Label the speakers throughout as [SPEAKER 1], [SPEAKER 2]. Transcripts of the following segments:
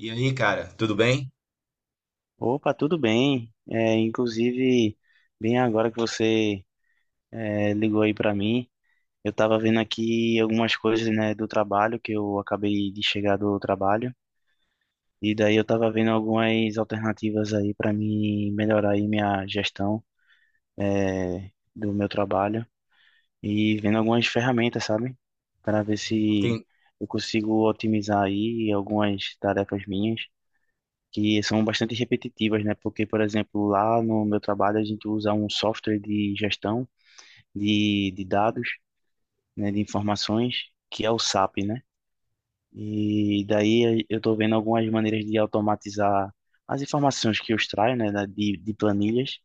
[SPEAKER 1] E aí, cara, tudo bem?
[SPEAKER 2] Opa, tudo bem? Inclusive, bem agora que você ligou aí para mim, eu estava vendo aqui algumas coisas, né, do trabalho, que eu acabei de chegar do trabalho, e daí eu estava vendo algumas alternativas aí para mim melhorar aí minha gestão é, do meu trabalho, e vendo algumas ferramentas, sabe? Para ver se
[SPEAKER 1] Tem-
[SPEAKER 2] eu consigo otimizar aí algumas tarefas minhas que são bastante repetitivas, né? Porque, por exemplo, lá no meu trabalho a gente usa um software de gestão de dados, né? De informações, que é o SAP, né? E daí eu estou vendo algumas maneiras de automatizar as informações que eu extraio, né? De planilhas,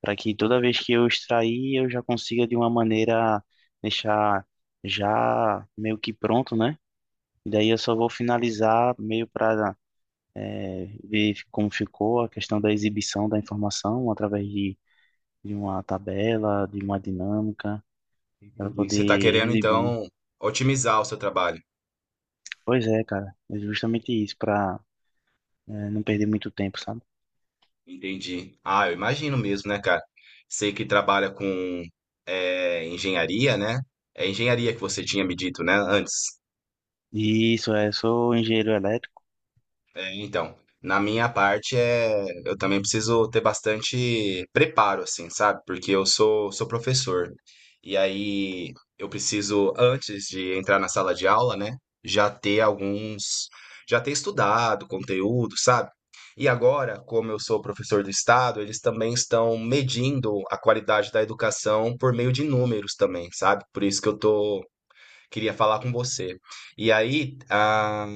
[SPEAKER 2] para que toda vez que eu extrair eu já consiga de uma maneira deixar já meio que pronto, né? E daí eu só vou finalizar meio para ver como ficou a questão da exibição da informação através de uma tabela, de uma dinâmica, para
[SPEAKER 1] Entendi.
[SPEAKER 2] poder
[SPEAKER 1] Você está querendo,
[SPEAKER 2] exibir.
[SPEAKER 1] então, otimizar o seu trabalho.
[SPEAKER 2] Pois é, cara, é justamente isso, para não perder muito tempo, sabe?
[SPEAKER 1] Entendi. Ah, eu imagino mesmo, né, cara? Sei que trabalha com engenharia, né? É engenharia que você tinha me dito, né, antes.
[SPEAKER 2] Sou engenheiro elétrico.
[SPEAKER 1] É, então, na minha parte é, eu também preciso ter bastante preparo, assim, sabe? Porque eu sou professor. E aí eu preciso, antes de entrar na sala de aula, né, já ter alguns, já ter estudado conteúdo, sabe? E agora, como eu sou professor do estado, eles também estão medindo a qualidade da educação por meio de números também, sabe? Por isso que eu tô queria falar com você. E aí, ah,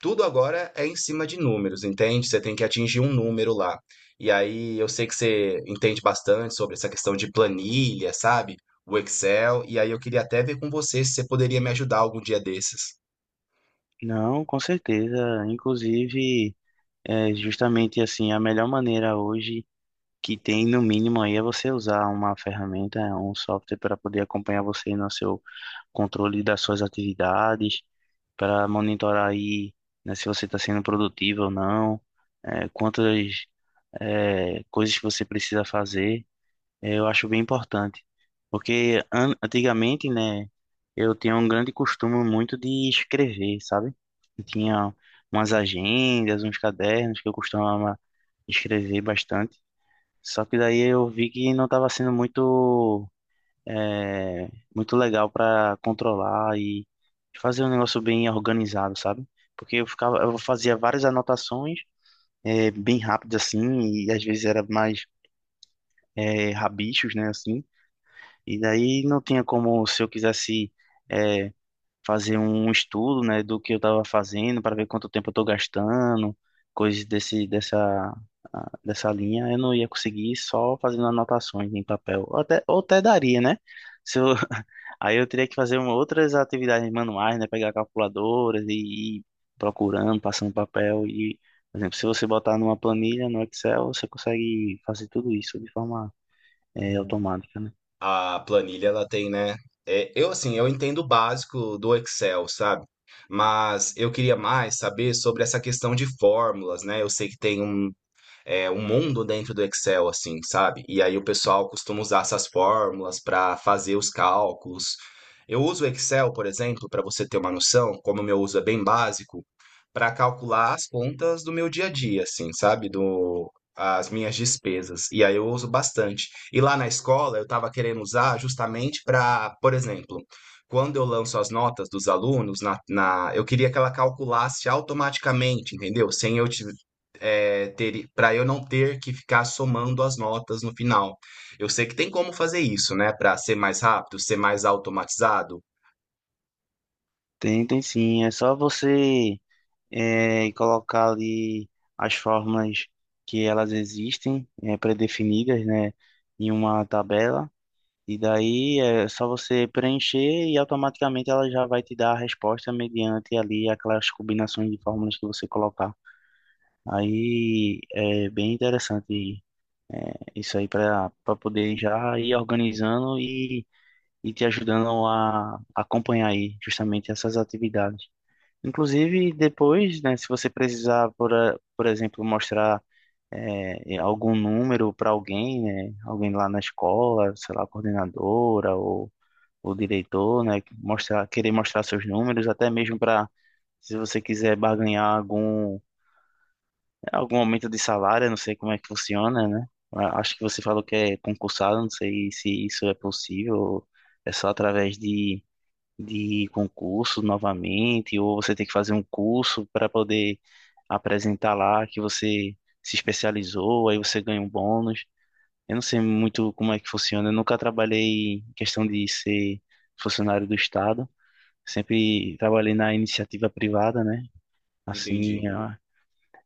[SPEAKER 1] tudo agora é em cima de números, entende? Você tem que atingir um número lá. E aí, eu sei que você entende bastante sobre essa questão de planilha, sabe? O Excel. E aí, eu queria até ver com você se você poderia me ajudar algum dia desses.
[SPEAKER 2] Não, com certeza. Inclusive, é justamente assim, a melhor maneira hoje que tem, no mínimo, aí é você usar uma ferramenta, um software para poder acompanhar você no seu controle das suas atividades, para monitorar aí, né, se você está sendo produtivo ou não, quantas coisas que você precisa fazer, eu acho bem importante. Porque an antigamente, né, eu tinha um grande costume muito de escrever, sabe? Eu tinha umas agendas, uns cadernos que eu costumava escrever bastante. Só que daí eu vi que não estava sendo é muito legal para controlar e fazer um negócio bem organizado, sabe? Porque eu ficava, eu fazia várias anotações bem rápidas assim, e às vezes era mais rabichos, né, assim. E daí não tinha como, se eu quisesse é, fazer um estudo, né, do que eu estava fazendo para ver quanto tempo eu estou gastando, coisas dessa linha, eu não ia conseguir só fazendo anotações em papel. Ou até daria, né? Se eu, Aí eu teria que fazer outras atividades manuais, né? Pegar calculadoras e ir procurando, passando papel. E, por exemplo, se você botar numa planilha no Excel, você consegue fazer tudo isso de forma automática, né?
[SPEAKER 1] A planilha, ela tem, né? É, eu, assim, eu entendo o básico do Excel, sabe? Mas eu queria mais saber sobre essa questão de fórmulas, né? Eu sei que tem um um mundo dentro do Excel, assim, sabe? E aí o pessoal costuma usar essas fórmulas para fazer os cálculos. Eu uso o Excel, por exemplo, para você ter uma noção, como o meu uso é bem básico, para calcular as contas do meu dia a dia, assim, sabe? Do, as minhas despesas. E aí eu uso bastante. E lá na escola eu estava querendo usar justamente para, por exemplo, quando eu lanço as notas dos alunos, eu queria que ela calculasse automaticamente, entendeu? Sem eu, ti- é, ter, para eu não ter que ficar somando as notas no final. Eu sei que tem como fazer isso, né? Para ser mais rápido, ser mais automatizado.
[SPEAKER 2] Tem, tem sim. É só você colocar ali as fórmulas que elas existem, pré-definidas, né? Em uma tabela. E daí é só você preencher e automaticamente ela já vai te dar a resposta mediante ali aquelas combinações de fórmulas que você colocar. Aí é bem interessante isso aí para poder já ir organizando e te ajudando a acompanhar aí justamente essas atividades. Inclusive depois, né, se você precisar, por exemplo, mostrar algum número para alguém, né, alguém lá na escola, sei lá, coordenadora ou o diretor, né? Mostrar, querer mostrar seus números, até mesmo para se você quiser barganhar algum aumento de salário, eu não sei como é que funciona, né? Acho que você falou que é concursado, não sei se isso é possível, ou é só através de concurso novamente, ou você tem que fazer um curso para poder apresentar lá que você se especializou, aí você ganha um bônus. Eu não sei muito como é que funciona, eu nunca trabalhei em questão de ser funcionário do Estado. Sempre trabalhei na iniciativa privada, né?
[SPEAKER 1] Entendi.
[SPEAKER 2] Assim, ah,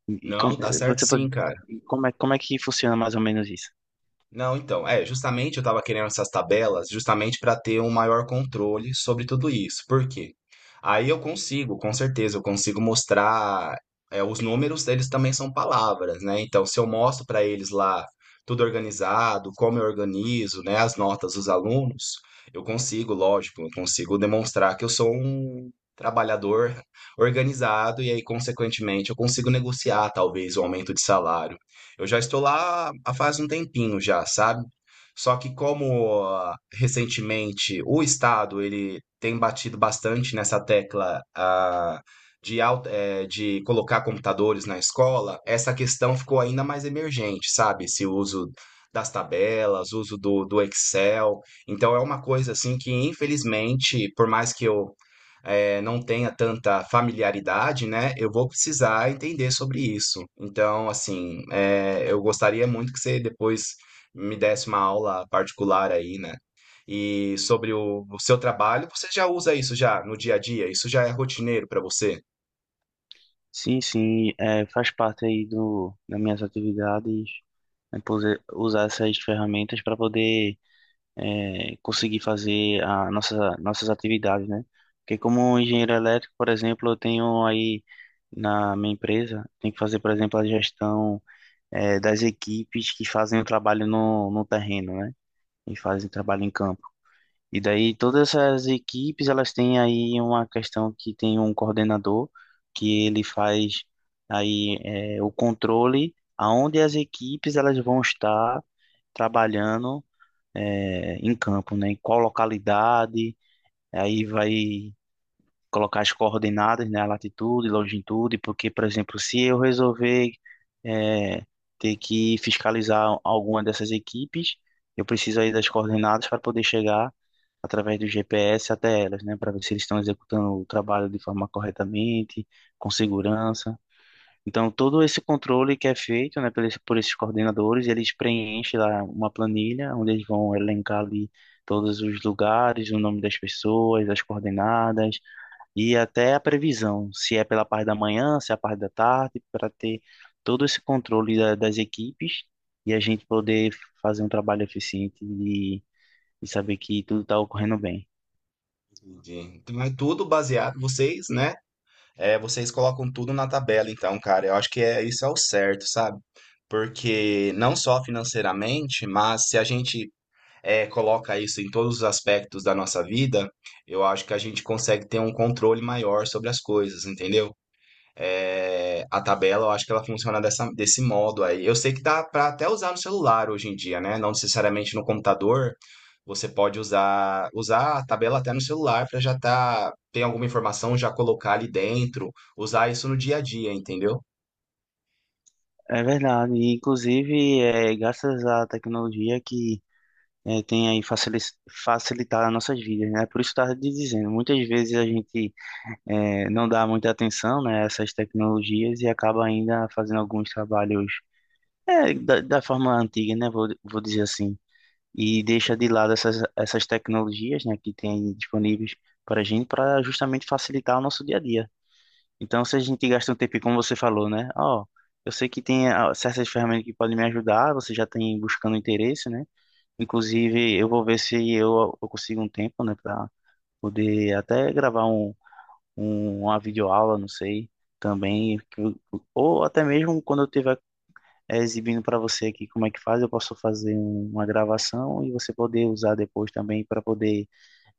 [SPEAKER 2] e e com-
[SPEAKER 1] Não, dá certo
[SPEAKER 2] você pode,
[SPEAKER 1] sim, cara.
[SPEAKER 2] como é que funciona mais ou menos isso?
[SPEAKER 1] Não, então, é, justamente eu estava querendo essas tabelas justamente para ter um maior controle sobre tudo isso. Por quê? Aí eu consigo, com certeza, eu consigo mostrar, é, os números, eles também são palavras, né? Então, se eu mostro para eles lá tudo organizado, como eu organizo, né, as notas dos alunos, eu consigo, lógico, eu consigo demonstrar que eu sou um trabalhador organizado e aí, consequentemente, eu consigo negociar talvez o aumento de salário. Eu já estou lá há faz um tempinho já, sabe? Só que como recentemente o Estado ele tem batido bastante nessa tecla, de colocar computadores na escola, essa questão ficou ainda mais emergente, sabe? Esse uso das tabelas, uso do, do Excel. Então é uma coisa assim que, infelizmente, por mais que eu não tenha tanta familiaridade, né, eu vou precisar entender sobre isso. Então, assim, eu gostaria muito que você depois me desse uma aula particular aí, né? E sobre o seu trabalho, você já usa isso já no dia a dia? Isso já é rotineiro para você?
[SPEAKER 2] Sim, sim, é, faz parte aí do, das minhas atividades, né, usar essas ferramentas para poder conseguir fazer a nossas atividades, né? Porque como engenheiro elétrico, por exemplo, eu tenho aí na minha empresa, tem que fazer, por exemplo, a gestão das equipes que fazem o trabalho no terreno, né? E fazem trabalho em campo. E daí todas essas equipes, elas têm aí uma questão que tem um coordenador que ele faz aí o controle aonde as equipes elas vão estar trabalhando em campo, né? Em qual localidade, aí vai colocar as coordenadas, né, a latitude, longitude, porque, por exemplo, se eu resolver eh, ter que fiscalizar alguma dessas equipes, eu preciso aí das coordenadas para poder chegar através do GPS até elas, né, para ver se eles estão executando o trabalho de forma corretamente, com segurança. Então, todo esse controle que é feito, né, por esses coordenadores, eles preenchem lá uma planilha onde eles vão elencar ali todos os lugares, o nome das pessoas, as coordenadas, e até a previsão, se é pela parte da manhã, se é a parte da tarde, para ter todo esse controle das equipes e a gente poder fazer um trabalho eficiente e saber que tudo está ocorrendo bem.
[SPEAKER 1] Entendi. Então é tudo baseado, vocês, né? É, vocês colocam tudo na tabela, então, cara, eu acho que é isso é o certo, sabe? Porque não só financeiramente, mas se a gente coloca isso em todos os aspectos da nossa vida, eu acho que a gente consegue ter um controle maior sobre as coisas, entendeu? A tabela, eu acho que ela funciona dessa, desse modo aí. Eu sei que dá para até usar no celular hoje em dia, né? Não necessariamente no computador. Você pode usar a tabela até no celular para já tá, ter alguma informação, já colocar ali dentro, usar isso no dia a dia, entendeu?
[SPEAKER 2] É verdade, e, inclusive é graças à tecnologia que tem aí facilitar as nossas vidas, né? Por isso estava dizendo, muitas vezes a gente não dá muita atenção, né, a essas tecnologias e acaba ainda fazendo alguns trabalhos da, da forma antiga, né? Vou, vou dizer assim, e deixa de lado essas tecnologias, né, que tem disponíveis para a gente para justamente facilitar o nosso dia a dia. Então, se a gente gasta um tempo, como você falou, né? Ó, eu sei que tem certas ferramentas que podem me ajudar, você já tem buscando interesse, né? Inclusive, eu vou ver se eu consigo um tempo, né, para poder até gravar uma videoaula, não sei, também, ou até mesmo quando eu tiver exibindo para você aqui como é que faz. Eu posso fazer uma gravação e você poder usar depois também para poder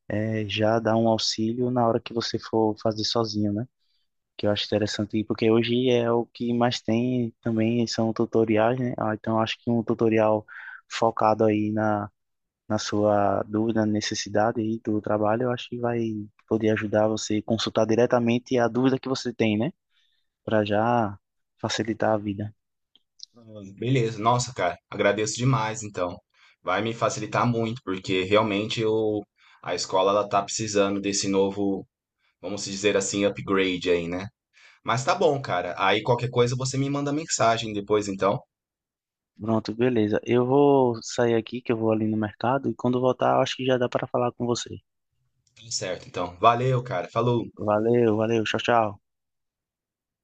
[SPEAKER 2] já dar um auxílio na hora que você for fazer sozinho, né? Que eu acho interessante, porque hoje é o que mais tem também são tutoriais, né? Então eu acho que um tutorial focado aí na sua dúvida, necessidade aí do trabalho, eu acho que vai poder ajudar você a consultar diretamente a dúvida que você tem, né? Para já facilitar a vida.
[SPEAKER 1] Beleza, nossa, cara, agradeço demais, então. Vai me facilitar muito, porque realmente eu, a escola ela tá precisando desse novo, vamos dizer assim, upgrade aí, né? Mas tá bom, cara. Aí qualquer coisa você me manda mensagem depois, então.
[SPEAKER 2] Pronto, beleza. Eu vou sair aqui, que eu vou ali no mercado, e quando voltar, eu acho que já dá para falar com você.
[SPEAKER 1] Tudo certo, então. Valeu, cara. Falou.
[SPEAKER 2] Valeu, valeu, tchau, tchau.